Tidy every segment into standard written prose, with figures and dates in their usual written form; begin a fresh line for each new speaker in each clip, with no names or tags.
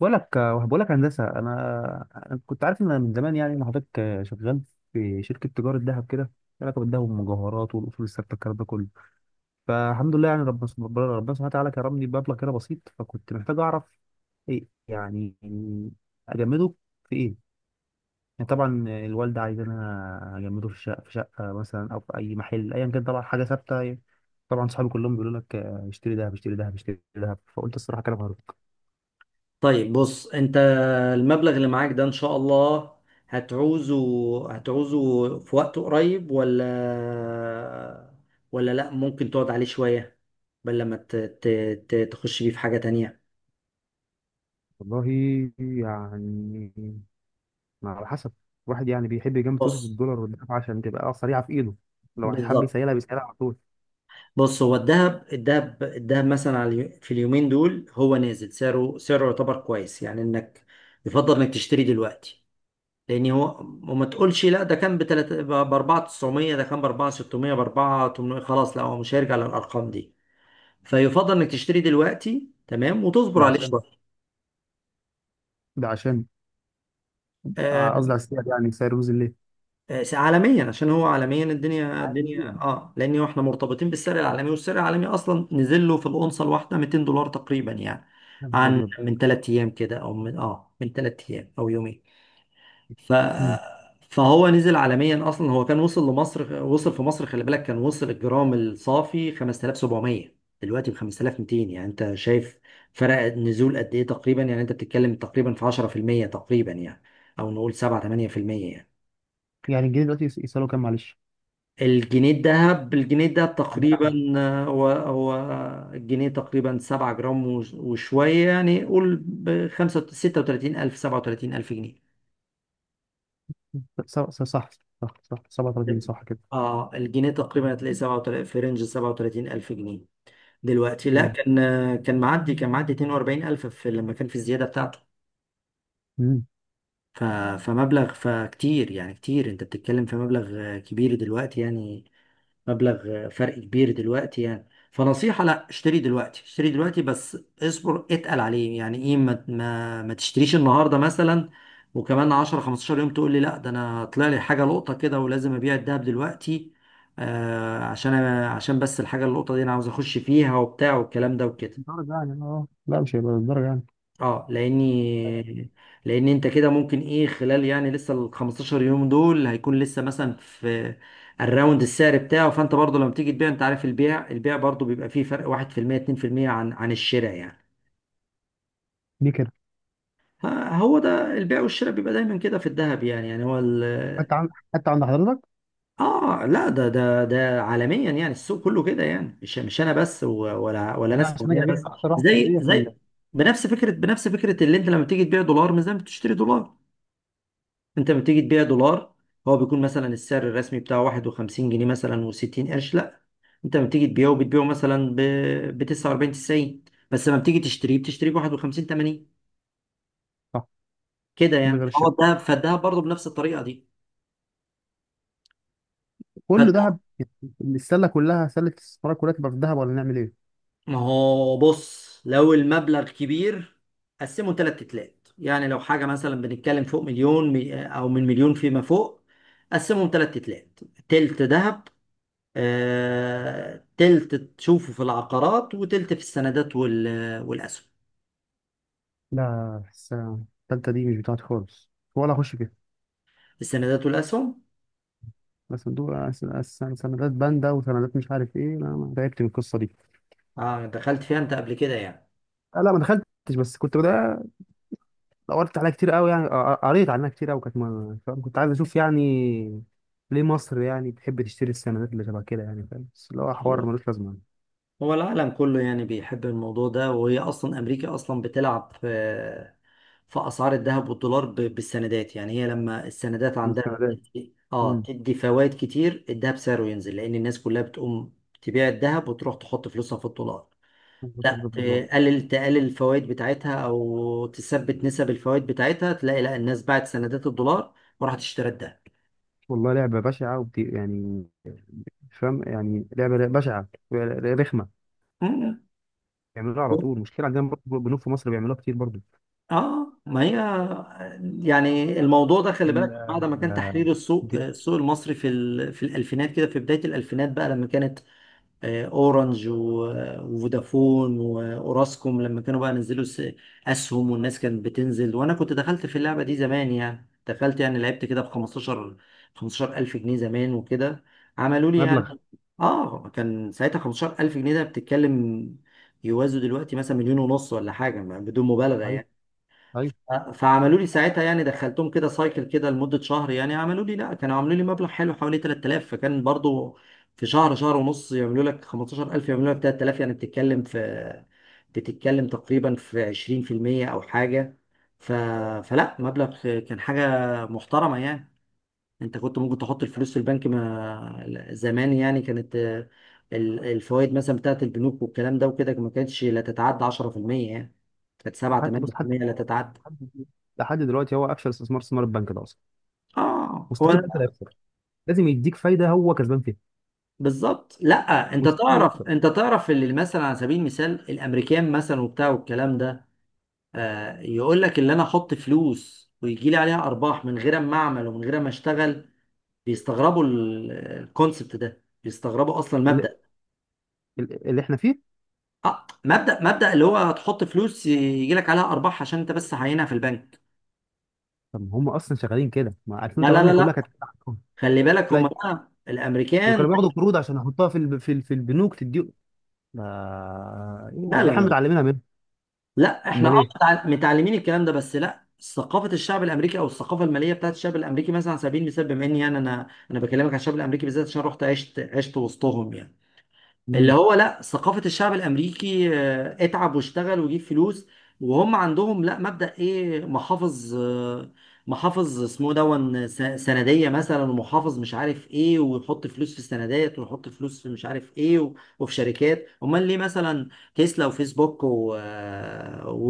بقول لك هندسه، انا كنت عارف ان أنا من زمان يعني ان حضرتك شغال في شركه تجاره ذهب كده ليها علاقه بالذهب والمجوهرات والاصول الثابته الكلام ده كله. فالحمد لله يعني ربنا ربنا سبحانه وتعالى كرمني بمبلغ كده بسيط، فكنت محتاج اعرف ايه يعني اجمده في ايه؟ يعني طبعا الوالده عايزانا اجمده في شقه في شقه مثلا او في اي محل ايا كان، طبعا حاجه ثابته يعني. طبعا صحابي كلهم بيقولوا لك آه، اشتري ذهب اشتري ذهب اشتري ذهب، فقلت الصراحه كلام هارد.
طيب، بص انت، المبلغ اللي معاك ده ان شاء الله هتعوزه في وقت قريب، ولا لا، ممكن تقعد عليه شوية، بل لما تخش بيه في حاجة تانية.
والله يعني ما على حسب، واحد يعني بيحب يجمد فلوسه في
بص،
الدولار والدراهم عشان تبقى سريعه في ايده، لو هيحب
بالظبط.
يسيلها بيسيلها على طول.
بص، هو الذهب مثلا على في اليومين دول هو نازل، سعره يعتبر كويس، يعني انك يفضل انك تشتري دلوقتي، لان هو، وما تقولش لا ده كان بتلاتة ب 4900، ده كان ب 4600، ب 4800، خلاص لا هو مش هيرجع للارقام دي، فيفضل انك تشتري دلوقتي تمام، وتصبر
ده
عليه
عشان
شويه.
ده عشان قصدي
آه،
على السعر يعني سعر رموز الليل
آه، عالميا، عشان هو عالميا الدنيا الدنيا
عالميا.
اه لان هو احنا مرتبطين بالسعر العالمي، والسعر العالمي اصلا نزل له في الاونصه الواحده $200 تقريبا، يعني
يا نهار
عن
ابيض.
من ثلاث ايام كده، او من من ثلاث ايام او يومين. ف
مم.
فهو نزل عالميا، اصلا هو كان وصل لمصر، وصل في مصر خلي بالك، كان وصل الجرام الصافي 5700، دلوقتي ب 5200، يعني انت شايف فرق النزول قد ايه؟ تقريبا يعني انت بتتكلم تقريبا في 10% تقريبا، يعني او نقول 7 8% يعني.
يعني الجنيه دلوقتي يسألوا كام معلش؟
الجنيه الذهب
عندنا
تقريبا،
احنا.
آه، هو الجنيه تقريبا 7 جرام وشويه، يعني قول ب 35، 37,000 جنيه.
صح صح صح 37 صح كده.
اه الجنيه تقريبا هتلاقي 37، في رينج 37 الف جنيه دلوقتي، لا
مم.
كان، كان معدي 42 الف، في لما كان في الزياده بتاعته.
مم.
ف... فكتير يعني، كتير، انت بتتكلم في مبلغ كبير دلوقتي يعني، مبلغ فرق كبير دلوقتي يعني. فنصيحة، لا اشتري دلوقتي، اشتري دلوقتي بس اصبر، اتقل عليه يعني. ايه، ما تشتريش النهاردة مثلا، وكمان 10 15 يوم تقول لي لا ده انا طلع لي حاجة لقطة كده، ولازم ابيع الدهب دلوقتي. آه عشان عشان بس الحاجة اللقطة دي انا عاوز اخش فيها وبتاع والكلام ده وكده.
الدرجة يعني اه لا مش هيبقى الدرجة يعني.
اه لاني، لان انت كده ممكن ايه خلال يعني لسه ال 15 يوم دول، هيكون لسه مثلا في الراوند السعر بتاعه، فانت برضو لما تيجي تبيع، انت عارف، البيع برضو بيبقى فيه فرق 1% 2% عن الشراء يعني.
دي كده.
فهو ده البيع والشراء بيبقى دايما كده في الذهب، يعني يعني هو ال
حتى عند حضرتك،
اه لا ده ده عالميا، يعني السوق كله كده يعني، مش انا بس، ولا
انا
ناس
عشان اجي
معينه
ابيع
بس.
اخسر
زي
1% في المية في
زي بنفس فكره اللي انت لما تيجي تبيع دولار مش زي ما بتشتري دولار، انت لما بتيجي تبيع دولار هو بيكون مثلا السعر الرسمي بتاعه 51 جنيه مثلا و60 قرش، لا انت لما بتيجي تبيعه بتبيعه مثلا ب 49 90، بس لما بتيجي تشتريه بتشتريه ب 51 80.
صح.
كده
من
يعني
غير
هو
الشهر
الدهب، فالدهب برضه بنفس الطريقه دي.
كله
فالد-
ذهب، السله كلها سله الاستثمار كلها تبقى في الذهب ولا نعمل ايه؟
ما هو بص لو المبلغ كبير قسمه ثلاث تلات، يعني لو حاجه مثلا بنتكلم فوق مليون، او من مليون فيما فوق، قسمهم ثلاث تلات: تلت ذهب، آه، تلت تشوفه في العقارات، وتلت في السندات والأسهم.
لا السنة التالتة دي مش بتاعتي خالص، ولا أخش فيها.
السندات والأسهم،
بس دول سندات باندا وسندات مش عارف إيه، لا ما تعبت من القصة دي.
آه دخلت فيها أنت قبل كده يعني؟
آه، لا ما دخلتش، بس كنت بدأ دورت عليها كتير قوي يعني. آه، آه، قريت عنها كتير قوي، كانت فاهم؟ كنت عايز أشوف يعني ليه مصر يعني بتحب تشتري السندات اللي شبه كده يعني فاهم، بس اللي هو حوار
هو
ملوش لازمة يعني.
هو العالم كله يعني بيحب الموضوع ده، وهي أصلا أمريكا أصلا بتلعب في في أسعار الذهب والدولار، بالسندات، يعني هي لما السندات
دي
عندها
السندات. امم
تدي فوائد كتير، الذهب سعره ينزل، لأن الناس كلها بتقوم تبيع الذهب وتروح تحط فلوسها في الدولار. لا،
دولار.
تقلل الفوائد بتاعتها او تثبت نسب الفوائد بتاعتها، تلاقي لا الناس باعت سندات الدولار وراحت اشترت ده.
والله لعبة بشعة يعني مش فاهم يعني، لعبة بشعة رخمة.
مم.
بيعملوها على طول، مشكلة عندنا برضه بنوك في مصر بيعملوها كتير برضه.
اه ما هي، يعني الموضوع ده خلي
ال-
بالك بعد ما كان
آه،
تحرير السوق،
دي-
المصري في في الالفينات كده، في بدايه الالفينات بقى لما كانت، آه، اورنج آه، وفودافون واوراسكوم لما كانوا بقى نزلوا اسهم، والناس كانت بتنزل، وانا كنت دخلت في اللعبه دي زمان، يعني دخلت يعني لعبت كده ب 15 15,000 جنيه زمان وكده. عملوا لي
مبلغ.
يعني، اه كان ساعتها 15,000 جنيه ده، بتتكلم يوازوا دلوقتي مثلا مليون ونص ولا حاجه، بدون مبالغه
ايوه
يعني.
ايوه.
فعملوا لي ساعتها، يعني دخلتهم كده سايكل كده لمدة شهر، يعني عملوا لي، لا، كانوا عملوا لي مبلغ حلو حوالي 3000، فكان برضو في شهر، شهر ونص، يعملوا لك 15,000 يعملوا لك 3000، يعني بتتكلم في، تقريبا في 20% او حاجة. ف... فلا مبلغ كان حاجة محترمة يعني. انت كنت ممكن تحط الفلوس في البنك ما زمان، يعني كانت آه، الفوائد مثلا بتاعت البنوك والكلام ده وكده ما كانتش لا تتعدى 10% يعني، كانت 7
حتى بص
8% لا تتعدى.
حد لحد دلوقتي هو افشل استثمار البنك ده اصلا.
اه هو
مستحيل البنك
ده
ده يخسر، لازم يديك فايده هو كسبان فيها.
بالظبط. لا انت
مستحيل
تعرف،
يخسر.
اللي مثلا على سبيل المثال الامريكان مثلا وبتاع والكلام ده، آه يقول لك اللي انا احط فلوس ويجي لي عليها ارباح من غير ما اعمل ومن غير ما اشتغل، بيستغربوا الكونسبت ده، بيستغربوا اصلا
اللي,
المبدأ.
اللي احنا فيه.
آه مبدأ اللي هو تحط فلوس يجي لك عليها ارباح عشان انت بس عينها في البنك.
طب ما هم اصلا شغالين كده ما
لا لا لا
2008 كلها
لا،
كانت كده عندهم.
خلي بالك
لا
هم بقى
دول
الامريكان.
كانوا بياخدوا قروض عشان يحطوها في البنوك تدي. ما...
لا
ايه
لا
احنا
لا
متعلمينها منهم.
لا، احنا اه
امال ايه.
متعلمين الكلام ده بس، لا ثقافه الشعب الامريكي او الثقافه الماليه بتاعت الشعب الامريكي مثلا على سبيل المثال، بما اني يعني انا بكلمك عن الشعب الامريكي بالذات، عشان رحت عشت وسطهم، يعني اللي
مم.
هو لا ثقافة الشعب الأمريكي، آه، اتعب واشتغل وجيب فلوس. وهم عندهم لا مبدأ إيه، محافظ، آه، محافظ اسمه دون سندية مثلا، ومحافظ مش عارف إيه، ويحط فلوس في السندات، ويحط فلوس في مش عارف إيه، وفي شركات. أمال ليه مثلا؟ تسلا وفيسبوك و...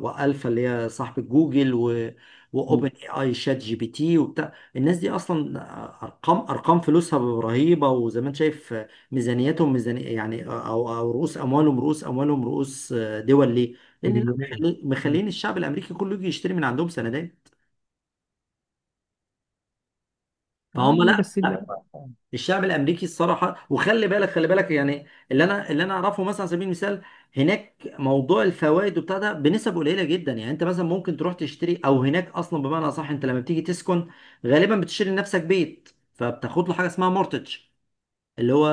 وألفا اللي هي صاحبة جوجل، واوبن
مم.
اي اي شات جي بي تي، وبتاع. الناس دي اصلا، ارقام فلوسها رهيبه، وزي ما انت شايف ميزانياتهم، ميزانية يعني، او رؤوس اموالهم، آه، دول ليه؟ لان لا،
تريليونيه. مم.
مخلين الشعب الامريكي كله يجي يشتري من عندهم سندات، فهم
يعني
لا
بس اللي
لا،
هو
الشعب الامريكي الصراحه. وخلي بالك، خلي بالك يعني، اللي انا اعرفه مثلا على سبيل المثال، هناك موضوع الفوائد وبتاع ده بنسب قليله جدا، يعني انت مثلا ممكن تروح تشتري، او هناك اصلا بمعنى اصح، انت لما بتيجي تسكن غالبا بتشتري لنفسك بيت، فبتاخد له حاجه اسمها مورتج اللي هو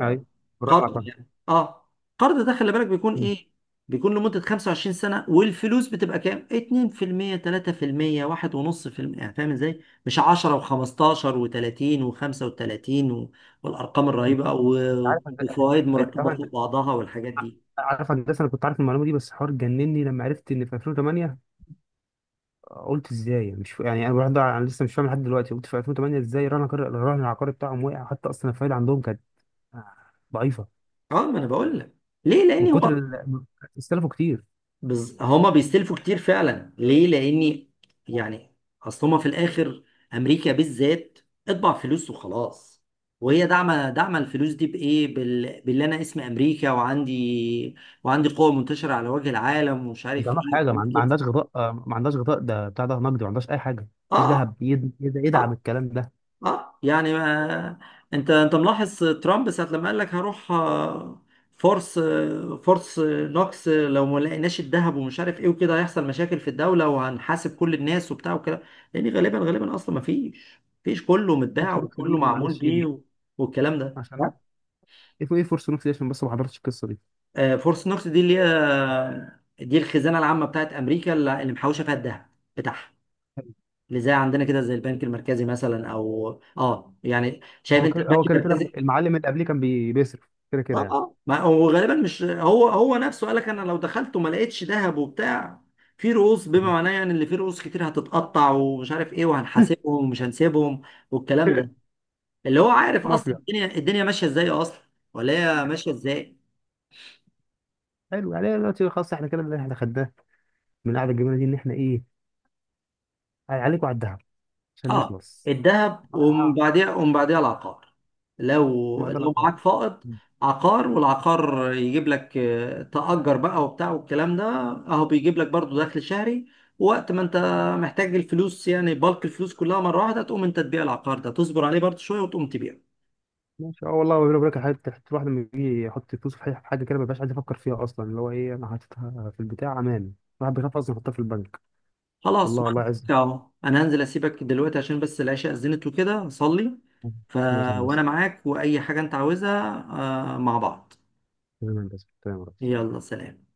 ايوه. بالراحه مع
قرض
الفرق.
يعني، اه قرض ده خلي بالك بيكون
مم.
ايه، بيكون لمدة 25 سنة، والفلوس بتبقى كام، 2% 3% 1.5%، يعني فاهم ازاي، مش 10 و15 و30 و35 والارقام الرهيبة،
انت عارف
وفوائد
انت،
مركبة
طبعا
فوق بعضها والحاجات دي.
عارف هندسه انا كنت عارف المعلومه دي، بس حوار جنني لما عرفت ان في 2008. قلت ازاي مش ف... يعني انا برضه انا لسه مش فاهم لحد دلوقتي. قلت في 2008 ازاي الرهن العقاري بتاعهم وقع؟ حتى اصلا الفايده عندهم كانت ضعيفه.
اه ما انا بقول لك ليه، لان
من كتر
هو،
ال... استلفوا كتير.
هما بيستلفوا كتير فعلا، ليه؟ لاني يعني، اصل هما في الاخر، امريكا بالذات اطبع فلوس وخلاص، وهي داعمه، الفلوس دي بايه، باللي انا اسمي امريكا، وعندي قوه منتشره على وجه العالم، ومش
مش
عارف
عندها
ايه
حاجه،
وحاجات
ما
كده.
عندهاش غطاء آه، ما عندهاش غطاء ده بتاع ده نقدي، ما عندهاش اي حاجه مفيش
اه
ذهب يدعم
اه
الكلام ده.
اه يعني ما، انت ملاحظ ترامب ساعة لما قال لك هروح، آه، فورس آه، فورس آه، نوكس، آه، لو ما لقيناش الذهب ومش عارف ايه وكده، هيحصل مشاكل في الدولة وهنحاسب كل الناس وبتاع وكده، لان غالبا، اصلا ما فيش، كله متباع
فورس نوكس
وكله
دي
معمول
معلش ايه
بيه،
دي؟
والكلام ده.
عشان ايه ايه فورس نوكس دي عشان بس ما حضرتش القصه دي.
آه، فورس نوكس دي اللي هي دي الخزانة العامة بتاعت امريكا، اللي محوشة فيها الذهب بتاعها، اللي زي عندنا كده، زي البنك المركزي مثلا، او اه يعني شايف
هو
انت
كده
البنك
هو كده كده
المركزي.
المعلم اللي قبليه كان بيصرف كده
اه
كده
اه ما هو غالبا، مش هو نفسه قال لك انا لو دخلت وما لقيتش ذهب وبتاع، في رؤوس بما
يعني.
معناه، يعني اللي فيه رؤوس كتير هتتقطع، ومش عارف ايه، وهنحاسبهم ومش هنسيبهم والكلام ده، اللي هو عارف اصلا
مافيا.
الدنيا ماشيه ازاي اصلا، ولا هي ماشيه ازاي.
حلو يعني، أنا دلوقتي خلاص احنا كده اللي احنا خدناه من القعده الجميله دي ان احنا ايه؟ عليك وعلى الدهب، عشان
اه،
نخلص.
الذهب،
آه.
ومن
آه،
بعديها، العقار. لو
ما ده
لو
الاخبار.
معاك فائض، عقار، والعقار يجيب لك، آه، تأجر بقى وبتاع والكلام ده، اهو بيجيب لك برضو دخل شهري، وقت ما انت محتاج الفلوس، يعني بالك الفلوس كلها مرة واحدة، تقوم انت تبيع العقار ده، تصبر عليه برضو شوية وتقوم تبيعه.
ماشي اه والله بيقول لك حاجه، الواحد لما بيجي يحط فلوسه في حاجة كده ما بيبقاش عايز يفكر فيها اصلا اللي هو ايه انا حاططها في البتاع امان. الواحد بيخاف اصلا يحطها في البنك.
خلاص،
والله الله يعزك.
اهو انا هنزل اسيبك دلوقتي عشان بس العشاء اذنت وكده، اصلي. ف...
ماشي يا هندسه،
وانا معاك، واي حاجة انت عاوزها، آه، مع بعض.
تمام يا هندسه تمام يا ريس.
يلا، سلام.